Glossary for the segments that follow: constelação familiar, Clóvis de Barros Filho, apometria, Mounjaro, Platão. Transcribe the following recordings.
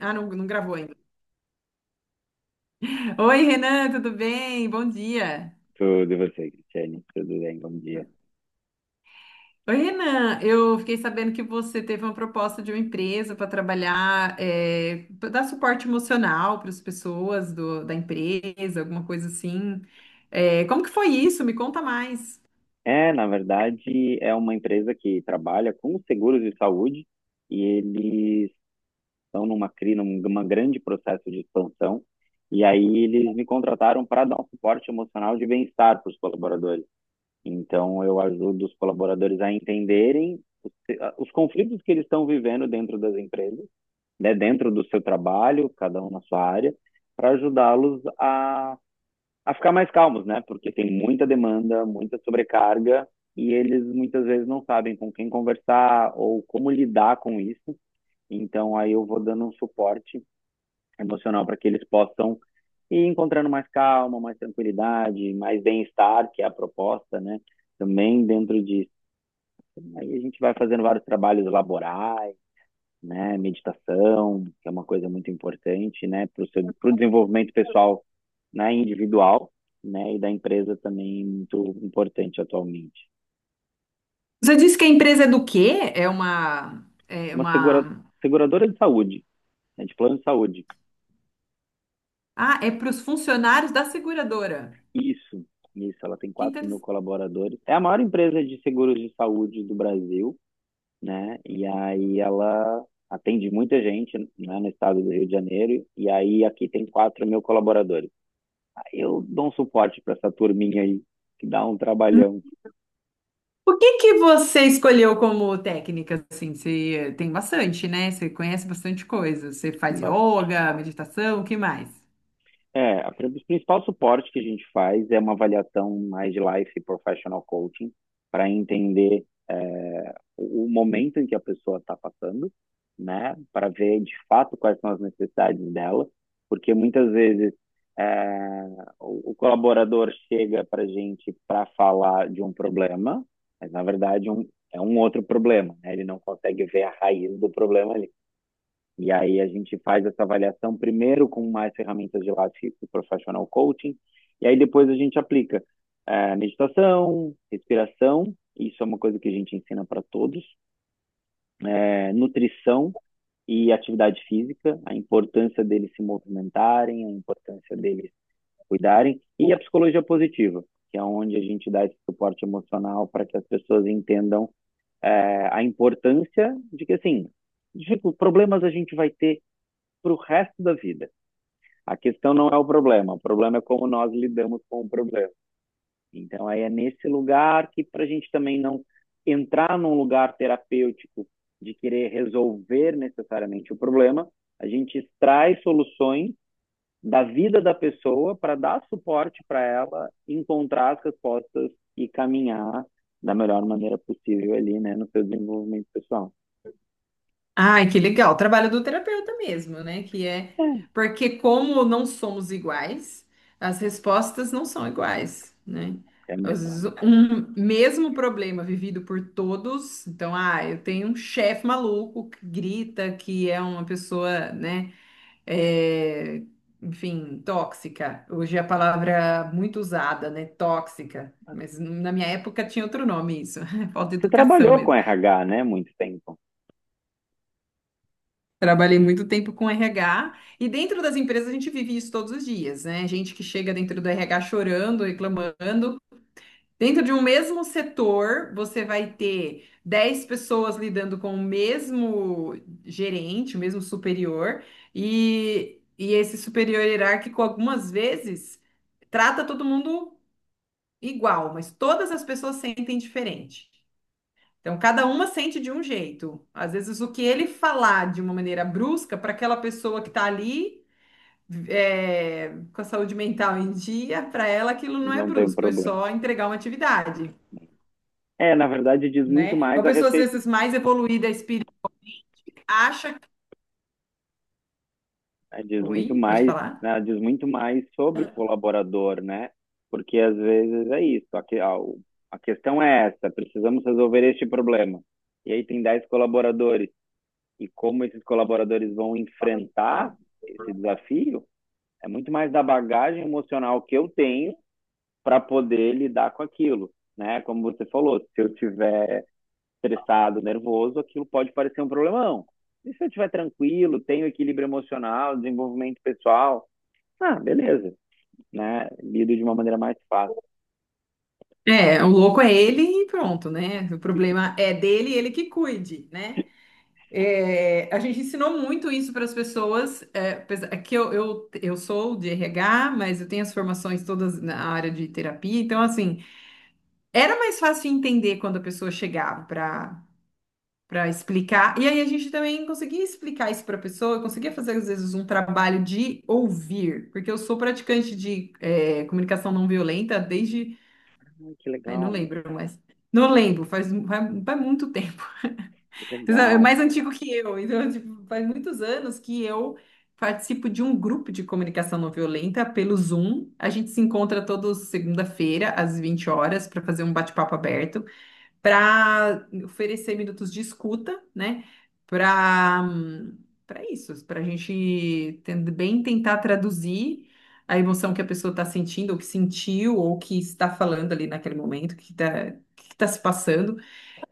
Ah, não, não gravou ainda. Oi, Renan, tudo bem? Bom dia. Tudo e você, Cristiane? Tudo bem? Bom dia. Oi, Renan, eu fiquei sabendo que você teve uma proposta de uma empresa para trabalhar, pra dar suporte emocional para as pessoas da empresa, alguma coisa assim. É, como que foi isso? Me conta mais. É, na verdade, é uma empresa que trabalha com seguros de saúde e eles estão numa crise, num grande processo de expansão. E aí eles me contrataram para dar um suporte emocional de bem-estar para os colaboradores. Então eu ajudo os colaboradores a entenderem os conflitos que eles estão vivendo dentro das empresas, né, dentro do seu trabalho, cada um na sua área, para ajudá-los a ficar mais calmos, né? Porque tem muita demanda, muita sobrecarga e eles muitas vezes não sabem com quem conversar ou como lidar com isso. Então aí eu vou dando um suporte emocional para que eles possam ir encontrando mais calma, mais tranquilidade, mais bem-estar, que é a proposta, né? Também dentro disso. Aí a gente vai fazendo vários trabalhos laborais, né? Meditação, que é uma coisa muito importante, né? Para o desenvolvimento pessoal, né, individual, né, e da empresa também muito importante atualmente. Você disse que a empresa é do quê? É uma, é Uma uma... seguradora de saúde, né, de plano de saúde. Ah, é para os funcionários da seguradora. Isso, isso, ela tem Que 4.000 colaboradores. É a maior empresa de seguros de saúde do Brasil, né, e aí ela atende muita gente, né, no estado do Rio de Janeiro, e aí aqui tem 4.000 colaboradores. Aí eu dou um suporte para essa turminha aí, que dá um trabalhão. O que que você escolheu como técnica, assim? Você tem bastante, né? Você conhece bastante coisa. Você faz yoga, meditação, o que mais? É, o principal suporte que a gente faz é uma avaliação mais de life e professional coaching para entender o momento em que a pessoa está passando, né? Para ver de fato quais são as necessidades dela, porque muitas vezes é, o colaborador chega para a gente para falar de um problema, mas na verdade, é um outro problema, né? Ele não consegue ver a raiz do problema ali. E aí a gente faz essa avaliação primeiro com mais ferramentas de Lattes e Professional Coaching, e aí depois a gente aplica meditação, respiração, isso é uma coisa que a gente ensina para todos, é, nutrição e atividade física, a importância deles se movimentarem, a importância deles cuidarem, e a psicologia positiva, que é onde a gente dá esse suporte emocional para que as pessoas entendam a importância de que, assim, problemas a gente vai ter para o resto da vida. A questão não é o problema é como nós lidamos com o problema. Então, aí é nesse lugar que, para a gente também não entrar num lugar terapêutico de querer resolver necessariamente o problema, a gente extrai soluções da vida da pessoa para dar suporte para ela encontrar as respostas e caminhar da melhor maneira possível ali, né, no seu desenvolvimento pessoal. Ai, que legal. O trabalho do terapeuta mesmo, né? Que é... É, Porque como não somos iguais, as respostas não são iguais, né? é Às mesmo, vezes, né? um mesmo problema vivido por todos. Então, ah, eu tenho um chefe maluco que grita, que é uma pessoa, né? é, enfim, tóxica. Hoje é a palavra é muito usada, né? Tóxica. Mas na minha época tinha outro nome isso, falta de Você educação trabalhou com mesmo. RH, né, muito tempo. Trabalhei muito tempo com RH e dentro das empresas a gente vive isso todos os dias, né? Gente que chega dentro do RH chorando, reclamando, dentro de um mesmo setor, você vai ter 10 pessoas lidando com o mesmo gerente, o mesmo superior, e esse superior hierárquico, algumas vezes, trata todo mundo igual, mas todas as pessoas sentem diferente. Então, cada uma sente de um jeito. Às vezes, o que ele falar de uma maneira brusca, para aquela pessoa que está ali, com a saúde mental em dia, para ela aquilo não é Não tem brusco, é problema. só entregar uma atividade. É, na verdade, diz muito Né? mais Uma a pessoa, às respeito, vezes, mais evoluída espírita acha que... né, diz muito Oi, pode mais, falar? né, diz muito mais sobre o colaborador, né? Porque às vezes é isso, a questão é essa, precisamos resolver este problema. E aí tem 10 colaboradores, e como esses colaboradores vão enfrentar esse desafio, é muito mais da bagagem emocional que eu tenho para poder lidar com aquilo, né? Como você falou, se eu tiver estressado, nervoso, aquilo pode parecer um problemão. E se eu estiver tranquilo, tenho equilíbrio emocional, desenvolvimento pessoal, ah, beleza, né? Lido de uma maneira mais fácil. É, o louco é ele e pronto, né? O problema é dele, ele que cuide, né? É, a gente ensinou muito isso para as pessoas, é que eu sou de RH, mas eu tenho as formações todas na área de terapia, então, assim, era mais fácil entender quando a pessoa chegava para explicar. E aí a gente também conseguia explicar isso para a pessoa, eu conseguia fazer às vezes um trabalho de ouvir, porque eu sou praticante de comunicação não violenta desde, Ah, que ai, não legal, lembro, mas não lembro, faz muito tempo. que Mas é legal. mais antigo que eu, então tipo, faz muitos anos que eu participo de um grupo de comunicação não violenta pelo Zoom. A gente se encontra toda segunda-feira, às 20 horas, para fazer um bate-papo aberto para oferecer minutos de escuta, né? Para para isso, para a gente bem tentar traduzir a emoção que a pessoa está sentindo, ou que sentiu, ou que está falando ali naquele momento, que está se passando,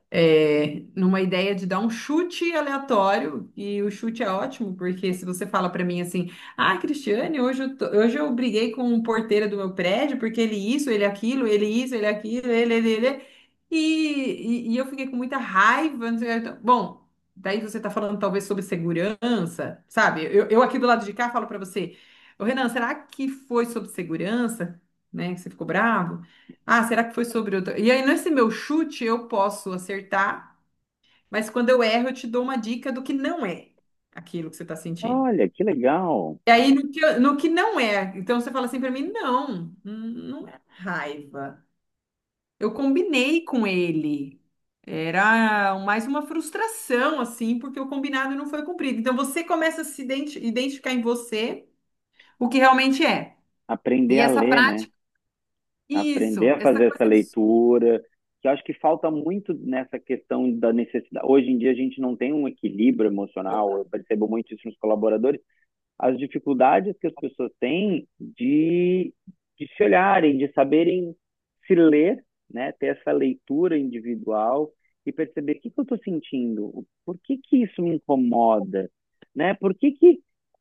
numa ideia de dar um chute aleatório, e o chute é ótimo, porque se você fala para mim assim, ah, Cristiane, hoje eu briguei com o porteiro do meu prédio, porque ele isso, ele aquilo, ele isso, ele aquilo, ele, e eu fiquei com muita raiva, não sei o que, então, bom, daí você tá falando talvez sobre segurança, sabe? Eu aqui do lado de cá falo para você, ô Renan, será que foi sobre segurança, né, que você ficou bravo? Ah, será que foi sobre outra? E aí, nesse meu chute, eu posso acertar, mas quando eu erro, eu te dou uma dica do que não é aquilo que você está sentindo. Olha, que legal, E aí, no que não é, então você fala assim para mim: não, não é raiva. Eu combinei com ele. Era mais uma frustração, assim, porque o combinado não foi cumprido. Então, você começa a se identi- identificar em você o que realmente é. aprender E a essa ler, né? prática, Aprender isso, a essa fazer essa coisa. leitura, que eu acho que falta muito nessa questão da necessidade. Hoje em dia a gente não tem um equilíbrio emocional, eu percebo muito isso nos colaboradores, as dificuldades que as pessoas têm de se olharem, de saberem se ler, né? Ter essa leitura individual e perceber o que, que eu estou sentindo, por que, que isso me incomoda, né? Por que, que,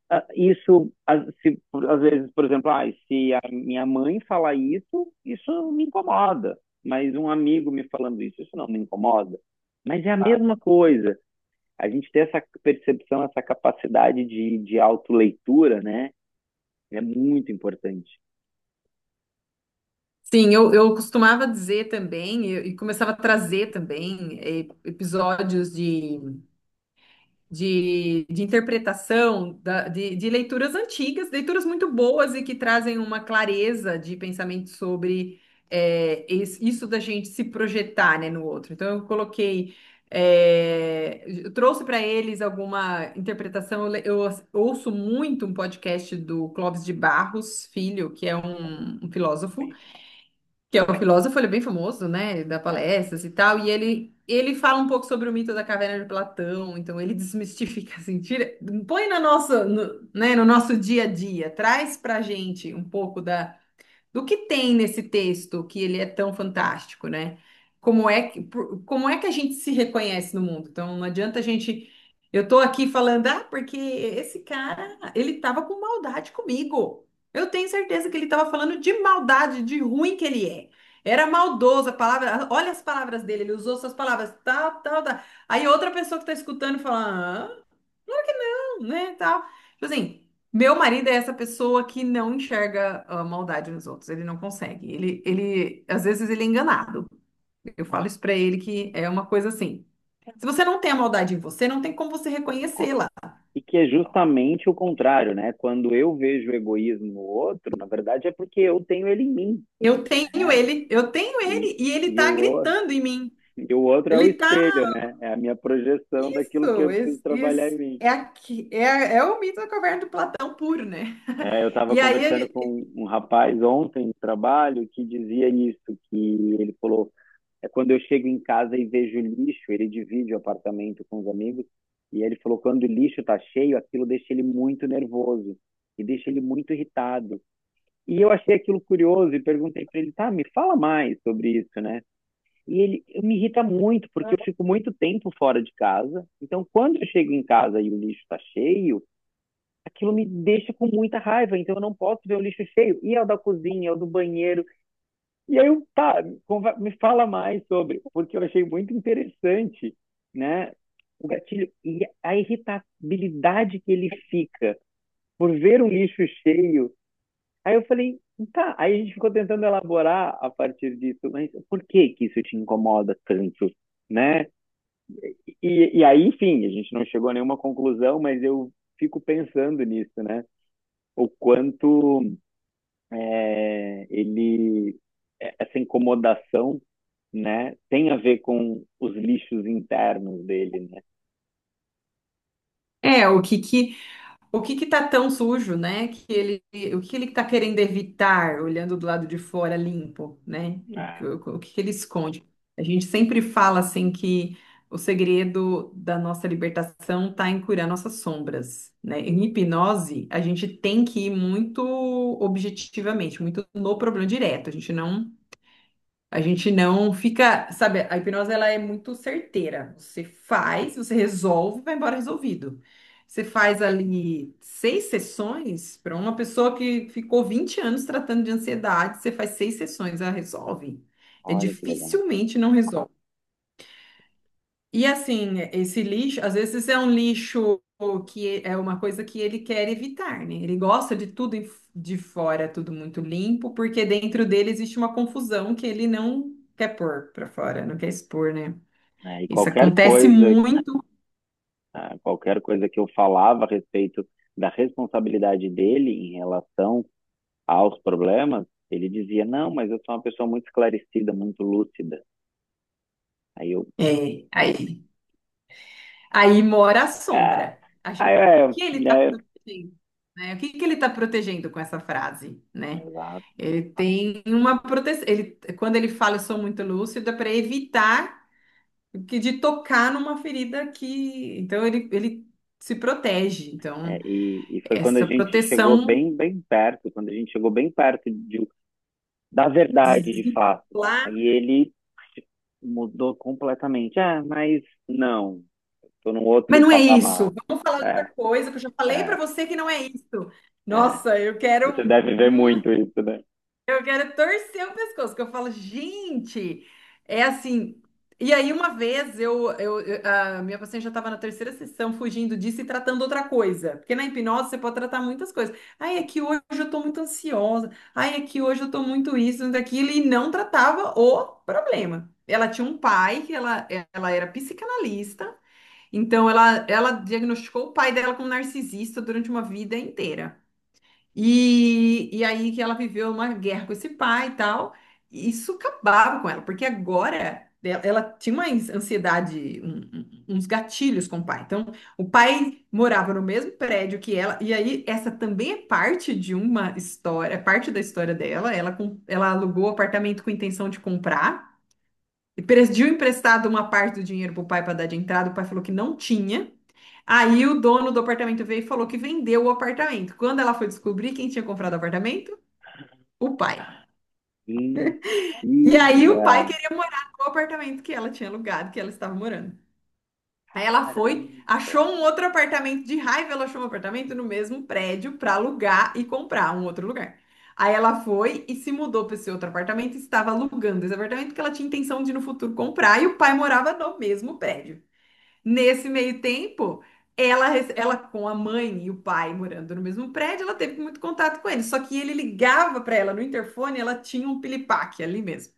ah, isso, ah, se, por- às vezes, por exemplo, se a minha mãe falar isso, isso me incomoda, mas um amigo me falando isso, isso não me incomoda. Mas é a mesma coisa a gente ter essa percepção, essa capacidade de autoleitura, né? É muito importante. Sim, eu costumava dizer também, e começava a trazer também episódios de, de interpretação, de leituras antigas, leituras muito boas e que trazem uma clareza de pensamento sobre isso da gente se projetar, né, no outro. Então, eu coloquei, eu trouxe para eles alguma interpretação. Eu, le- eu as- Ouço muito um podcast do Clóvis de Barros Filho, que é um filósofo É. que é um filósofo, ele é bem famoso, né, dá É, palestras e tal, e ele fala um pouco sobre o mito da caverna de Platão, então ele desmistifica assim, tira, põe na nossa, no, né, no nosso dia a dia, traz pra gente um pouco da do que tem nesse texto que ele é tão fantástico, né? Como é que, como é que a gente se reconhece no mundo? Então, não adianta a gente. Eu tô aqui falando, ah, porque esse cara, ele tava com maldade comigo. Eu tenho certeza que ele tava falando de maldade, de ruim que ele é. Era maldoso a palavra. Olha as palavras dele, ele usou essas palavras, tal, tal, tal. Aí outra pessoa que tá escutando fala, ah, né, tal. Tipo assim, meu marido é essa pessoa que não enxerga a maldade nos outros, ele não consegue. Ele, às vezes ele é enganado. Eu falo isso pra ele que é uma coisa assim. Se você não tem a maldade em você, não tem como você não con- reconhecê-la. e que é justamente o contrário, né? Quando eu vejo o egoísmo no outro, na verdade é porque eu tenho ele em mim, Eu tenho né? ele, eu tenho E, ele e ele e, tá o, o- gritando em mim. e o outro é o Ele tá espelho, né? É a minha projeção daquilo que isso, eu preciso isso, trabalhar em isso. mim. É, aqui, é, é o mito da caverna do Platão puro, né? É, eu estava E aí, conversando ele- com um rapaz ontem no trabalho que dizia isso, que ele falou, é quando eu chego em casa e vejo lixo, ele divide o apartamento com os amigos, e ele falou, quando o lixo está cheio, aquilo deixa ele muito nervoso, e deixa ele muito irritado. E eu achei aquilo curioso e perguntei para ele, tá, me fala mais sobre isso, né? E ele, eu me irrita muito, porque eu fico muito tempo fora de casa, então quando eu chego em casa e o lixo está cheio, aquilo me deixa com muita raiva, então eu não posso ver o lixo cheio. E é o da cozinha, é o do banheiro, e aí eu, tá, me fala mais sobre, porque eu achei muito interessante, né, o gatilho e a irritabilidade que ele fica por ver um lixo cheio. Aí eu falei, tá, aí a gente ficou tentando elaborar a partir disso, mas por que que isso te incomoda tanto, né? E aí, enfim, a gente não chegou a nenhuma conclusão, mas eu fico pensando nisso, né? O quanto, é, ele essa incomodação, né, tem a ver com os lixos internos dele, né? é, o que que O que que tá tão sujo, né? Que ele, o que ele tá querendo evitar, olhando do lado de fora limpo, né? Ah, O que que ele esconde? A gente sempre fala assim que o segredo da nossa libertação tá em curar nossas sombras, né? Em hipnose, a gente tem que ir muito objetivamente, muito no problema direto. A gente não fica, sabe, a hipnose ela é muito certeira. Você faz, você resolve, vai embora resolvido. Você faz ali 6 sessões para uma pessoa que ficou 20 anos tratando de ansiedade, você faz 6 sessões, ela resolve. É olha que legal. dificilmente não resolve. E assim, esse lixo, às vezes é um lixo que é uma coisa que ele quer evitar, né? Ele gosta de tudo de fora, tudo muito limpo, porque dentro dele existe uma confusão que ele não quer pôr para fora, não quer expor, né? É, e Isso qualquer acontece coisa, muito. Que eu falava a respeito da responsabilidade dele em relação aos problemas, ele dizia: "Não, mas eu sou uma pessoa muito esclarecida, muito lúcida". Aí eu, É, aí mora a ah, sombra. O é, que ele está é, protegendo, né? O que que ele está protegendo com essa frase, né? exato. Ele tem uma proteção. Ele, quando ele fala, eu sou muito lúcido, é para evitar que de tocar numa ferida que. Então ele se protege. É, Então, e foi quando a essa gente chegou proteção bem, bem perto, quando a gente chegou bem perto de da verdade de fato. lá. Aí ele mudou completamente. Ah, mas não, tô num Mas outro não é patamar. isso. Vamos falar de É, outra coisa, que eu já falei pra é, você que não é isso. é. Nossa, eu Você quero. deve ver muito isso, né? Eu quero torcer o pescoço, que eu falo, gente, é assim. E aí, uma vez, a minha paciente já estava na terceira sessão, fugindo disso e tratando outra coisa. Porque na hipnose você pode tratar muitas coisas. Ai, é que hoje eu estou muito ansiosa. Ai, é que hoje eu estou muito isso, muito aquilo. E não tratava o problema. Ela tinha um pai, que ela era psicanalista. Então, ela diagnosticou o pai dela como narcisista durante uma vida inteira. E aí que ela viveu uma guerra com esse pai e tal, e isso acabava com ela, porque agora ela tinha uma ansiedade, uns gatilhos com o pai. Então, o pai morava no mesmo prédio que ela, e aí essa também é parte de uma história, é parte da história dela. Ela alugou o apartamento com intenção de comprar, e pediu emprestado uma parte do dinheiro pro pai para dar de entrada, o pai falou que não tinha. Aí o dono do apartamento veio e falou que vendeu o apartamento. Quando ela foi descobrir quem tinha comprado o apartamento? O pai. E aí o Mentira! pai queria morar no apartamento que ela tinha alugado, que ela estava morando. Aí ela foi, Caramba! achou um outro apartamento de raiva, ela achou um apartamento no mesmo prédio para alugar e comprar um outro lugar. Aí ela foi e se mudou para esse outro apartamento, e estava alugando esse apartamento que ela tinha intenção de no futuro comprar e o pai morava no mesmo prédio. Nesse meio tempo, ela com a mãe e o pai morando no mesmo prédio, ela teve muito contato com ele. Só que ele ligava para ela no interfone, ela tinha um pilipaque ali mesmo.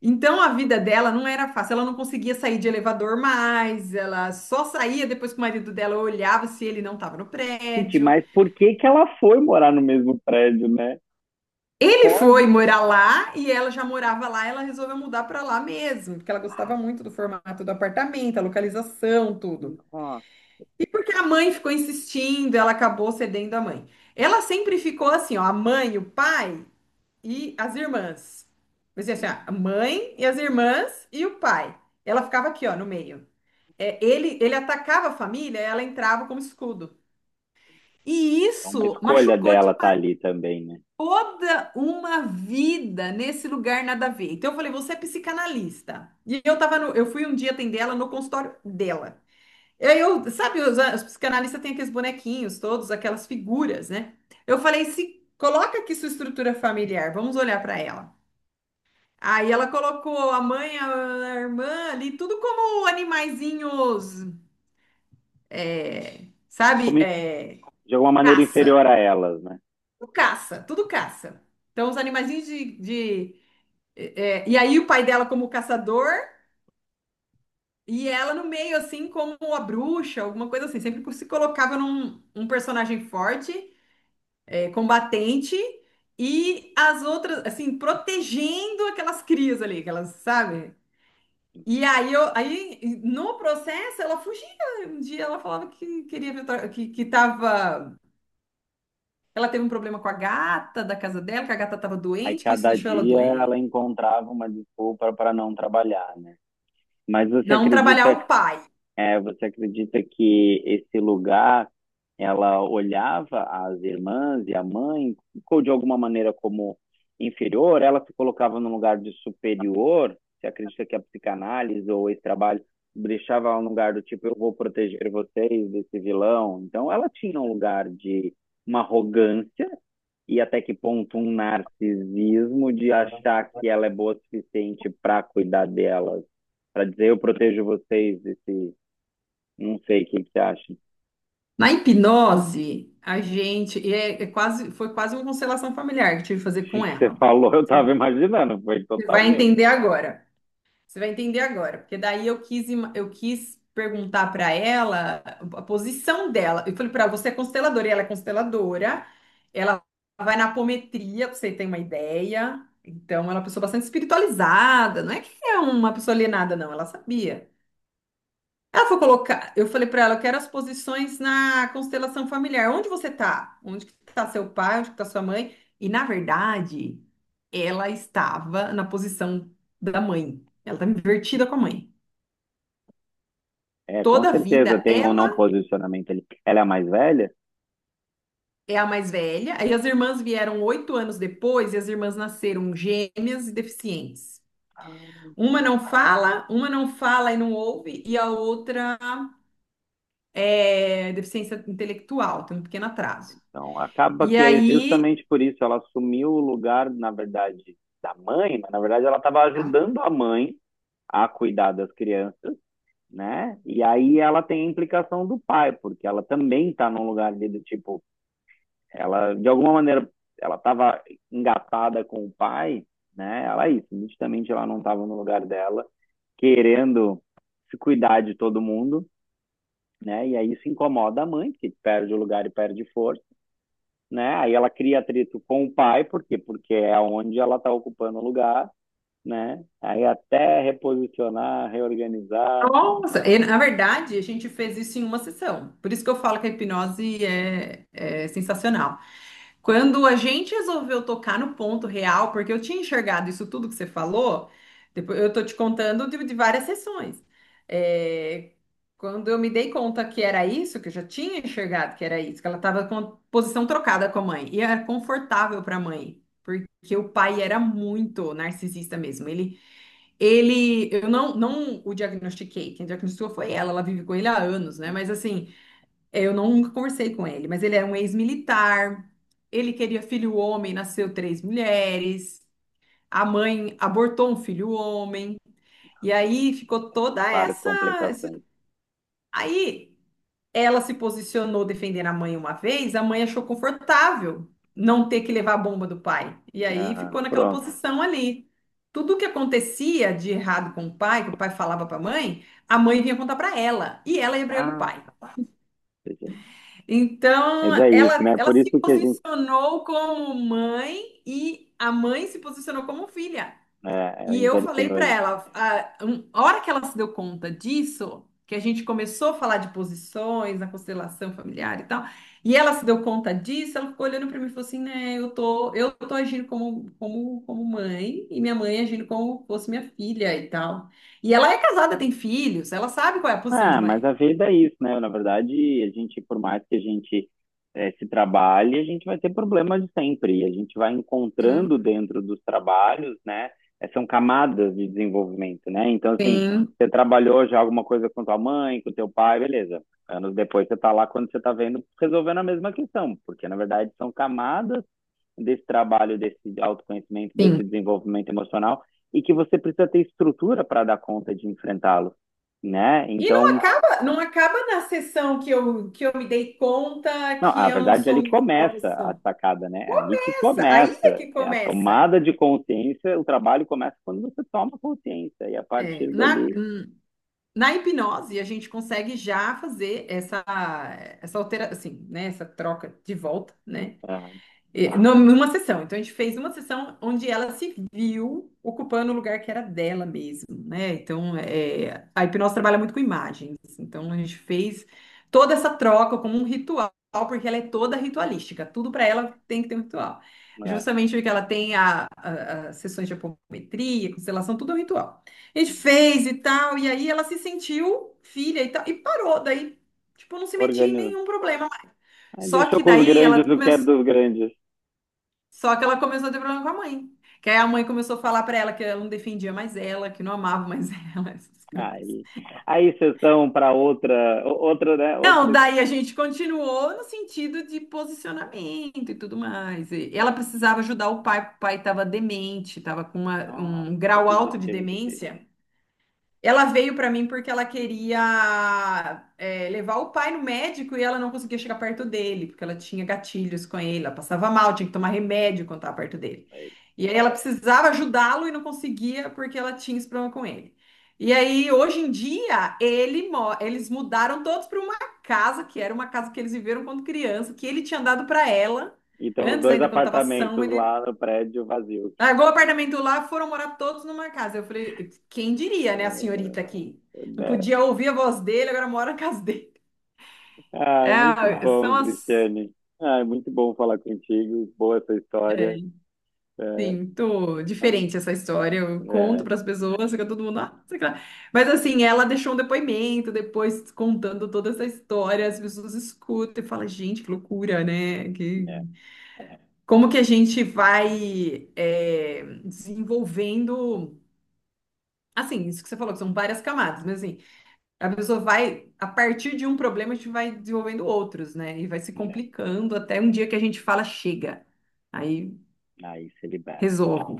Então a vida dela não era fácil, ela não conseguia sair de elevador mais, ela só saía depois que o marido dela olhava se ele não estava no Gente, prédio. mas por que que ela foi morar no mesmo prédio, né? Ele foi Pode. morar lá e ela já morava lá, ela resolveu mudar para lá mesmo, porque ela gostava Ah, muito do formato do apartamento, a localização, tudo. nossa. E porque a mãe ficou insistindo, ela acabou cedendo à mãe. Ela sempre ficou assim, ó, a mãe, o pai e as irmãs. Mas assim, ó, Hum. a mãe e as irmãs e o pai. Ela ficava aqui, ó, no meio. É, ele atacava a família, ela entrava como escudo. E É uma isso escolha machucou dela estar demais ali também, né? toda uma vida nesse lugar nada a ver. Então eu falei, você é psicanalista. E eu tava no, eu fui um dia atender ela no consultório dela. E aí eu, sabe, os psicanalistas têm aqueles bonequinhos todos, aquelas figuras, né? Eu falei, se coloca aqui sua estrutura familiar, vamos olhar para ela. Aí ela colocou a mãe, a, irmã ali, tudo como animaizinhos, sabe? Como in- de alguma maneira Caça, inferior a elas, né? tudo caça, tudo caça. Então os animaizinhos de- e aí o pai dela como caçador e ela no meio assim como a bruxa, alguma coisa assim. Sempre se colocava num personagem forte, combatente, e as outras, assim, protegendo aquelas crias ali, aquelas, sabe? E aí, aí no processo, ela fugia. Um dia ela falava que queria ver, que tava, ela teve um problema com a gata da casa dela, que a gata estava Aí doente, que isso cada deixou ela dia ela doente. encontrava uma desculpa para não trabalhar, né? Mas você Não trabalhar acredita, o pai. Você acredita que esse lugar, ela olhava as irmãs e a mãe, ficou de alguma maneira como inferior, ela se colocava num lugar de superior? Você acredita que a psicanálise ou esse trabalho deixava ela num lugar do tipo, eu vou proteger vocês desse vilão? Então ela tinha um lugar de uma arrogância, e até que ponto um narcisismo de achar que ela é boa o suficiente para cuidar delas, para dizer eu protejo vocês desse, não sei o que que você acha. O Na hipnose, a gente, é quase, foi quase uma constelação familiar que eu tive que fazer com que você ela. falou, eu Você estava imaginando, foi você vai totalmente. entender agora. Você vai entender agora, porque daí eu quis perguntar para ela a posição dela. Eu falei para ela, você é consteladora, e ela é consteladora, ela vai na apometria, pra você ter uma ideia. Então, ela é uma pessoa bastante espiritualizada, não é que é uma pessoa alienada, não, ela sabia. Ela foi colocar, eu falei para ela, eu quero as posições na constelação familiar. Onde você tá? Onde que tá seu pai? Onde que tá sua mãe? E na verdade, ela estava na posição da mãe. Ela tá invertida com a mãe. É, com Toda a certeza vida tem um não ela posicionamento ali. Ela é a mais velha? é a mais velha, aí as irmãs vieram oito anos depois e as irmãs nasceram gêmeas e deficientes. Ah. Uma não fala e não ouve, e a outra é deficiência intelectual, tem um pequeno atraso. Então acaba E que é aí justamente por isso ela assumiu o lugar, na verdade, da mãe, mas na verdade ela estava ajudando a mãe a cuidar das crianças, né? E aí ela tem a implicação do pai, porque ela também está num lugar ali do tipo, ela de alguma maneira ela estava engatada com o pai, né? Ela é isso, nitidamente ela não estava no lugar dela, querendo se cuidar de todo mundo, né? E aí isso incomoda a mãe, que perde o lugar e perde força, né? Aí ela cria atrito com o pai, por quê? Porque é onde ela está ocupando o lugar, né? Aí até reposicionar, reorganizar, nossa, e, na verdade, a gente fez isso em uma sessão. Por isso que eu falo que a hipnose é sensacional. Quando a gente resolveu tocar no ponto real, porque eu tinha enxergado isso tudo que você falou, depois eu tô te contando de várias sessões. É, quando eu me dei conta que era isso, que eu já tinha enxergado que era isso, que ela estava com a posição trocada com a mãe, e era confortável para a mãe, porque o pai era muito narcisista mesmo. Eu não, não o diagnostiquei, quem diagnosticou foi ela, ela vive com ele há anos, né? Mas assim, eu não conversei com ele, mas ele era um ex-militar, ele queria filho homem, nasceu três mulheres, a mãe abortou um filho homem, e aí ficou toda várias essa. esse- complicações. Aí ela se posicionou defendendo a mãe uma vez, a mãe achou confortável não ter que levar a bomba do pai. E aí Aham, ficou naquela pronto. posição ali. Tudo que acontecia de errado com o pai, que o pai falava para a mãe vinha contar para ela, e ela ia brigar com o pai. Ah, gente. Então, Mas é isso, ela, né? ela Por se isso que a gente, posicionou como mãe e a mãe se posicionou como filha. E eu falei inverteu para ali. ela, a hora que ela se deu conta disso, que a gente começou a falar de posições na constelação familiar e tal, e ela se deu conta disso, ela ficou olhando para mim e falou assim, né, eu tô agindo como mãe e minha mãe agindo como fosse minha filha e tal. E ela é casada, tem filhos, ela sabe qual é a posição de Ah, mas mãe. a vida é isso, né? Na verdade, a gente, por mais que a gente, se trabalhe, a gente vai ter problemas de sempre. E a gente vai Sim, encontrando dentro dos trabalhos, né? É, são camadas de desenvolvimento, né? Então, assim, sim, você trabalhou já alguma coisa com tua mãe, com teu pai, beleza. Anos depois você tá lá quando você tá vendo, resolvendo a mesma questão, porque na verdade são camadas desse trabalho, desse autoconhecimento, sim. desse desenvolvimento emocional, e que você precisa ter estrutura para dar conta de enfrentá-lo, né? E não Então, acaba, não acaba na sessão que que eu me dei conta não, a que eu não verdade é ali sou mais da começa a posição. sacada, né? É ali que Começa, aí é começa que a começa. tomada de consciência, o trabalho começa quando você toma consciência e a É, partir dali, na hipnose, a gente consegue já fazer essa alteração, assim, né? Essa troca de volta, né? Numa sessão. Então, a gente fez uma sessão onde ela se viu ocupando o lugar que era dela mesmo, né? Então, é, a hipnose trabalha muito com imagens. Então, a gente fez toda essa troca como um ritual, porque ela é toda ritualística. Tudo para ela tem que ter um ritual. é, é, Justamente porque ela tem as sessões de apometria, constelação, tudo é um ritual. A gente fez e tal, e aí ela se sentiu filha e tal, e parou. Daí, tipo, não se metia em organiza. nenhum problema. Aí Só deixou que com os daí grandes ela o que é começou. dos grandes. Só que ela começou a ter problema com a mãe. Que aí a mãe começou a falar pra ela que ela não defendia mais ela, que não amava mais ela, essas coisas. Aí, aí sessão para outra, outra, né? Não, Outra. daí a gente continuou no sentido de posicionamento e tudo mais. E ela precisava ajudar o pai, porque o pai estava demente, estava com um Nossa, grau que alto de destino difícil. demência. Ela veio para mim porque ela queria é, levar o pai no médico e ela não conseguia chegar perto dele, porque ela tinha gatilhos com ele, ela passava mal, tinha que tomar remédio quando estava perto dele. Aí. E aí ela precisava ajudá-lo e não conseguia porque ela tinha esse problema com ele. E aí, hoje em dia, eles mudaram todos para uma casa, que era uma casa que eles viveram quando criança, que ele tinha dado para ela, E tem uns antes dois ainda, quando estava são, apartamentos ele lá no prédio vazio. largou o apartamento lá, foram morar todos numa casa. Eu falei, quem diria, né, a senhorita aqui? É, Não né? podia ouvir a voz dele, agora mora na casa dele. Ah, muito É, são bom, assim, Cristiane. Ah, é muito bom falar contigo. Boa essa história. É, muito mas, diferente essa história. Eu conto é, para as pessoas, fica todo mundo, ah, sei lá. Mas assim, ela deixou um depoimento depois contando toda essa história, as pessoas escutam e falam, gente, que loucura, né? Que... né, Como que a gente vai é, desenvolvendo. Assim, isso que você falou, que são várias camadas, mas assim. A pessoa vai, a partir de um problema, a gente vai desenvolvendo outros, né? E vai se né, complicando até um dia que a gente fala, chega. Aí aí se libera. resolvo.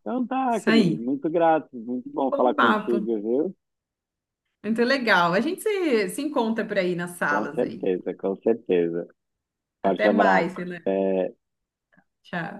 Então tá, Isso Cris. aí. Muito grato. Muito bom falar Bom papo. contigo, viu? Muito legal. A gente se encontra por aí nas Com salas aí. certeza, com certeza. Forte Até abraço. mais, Helena. É, Tchau.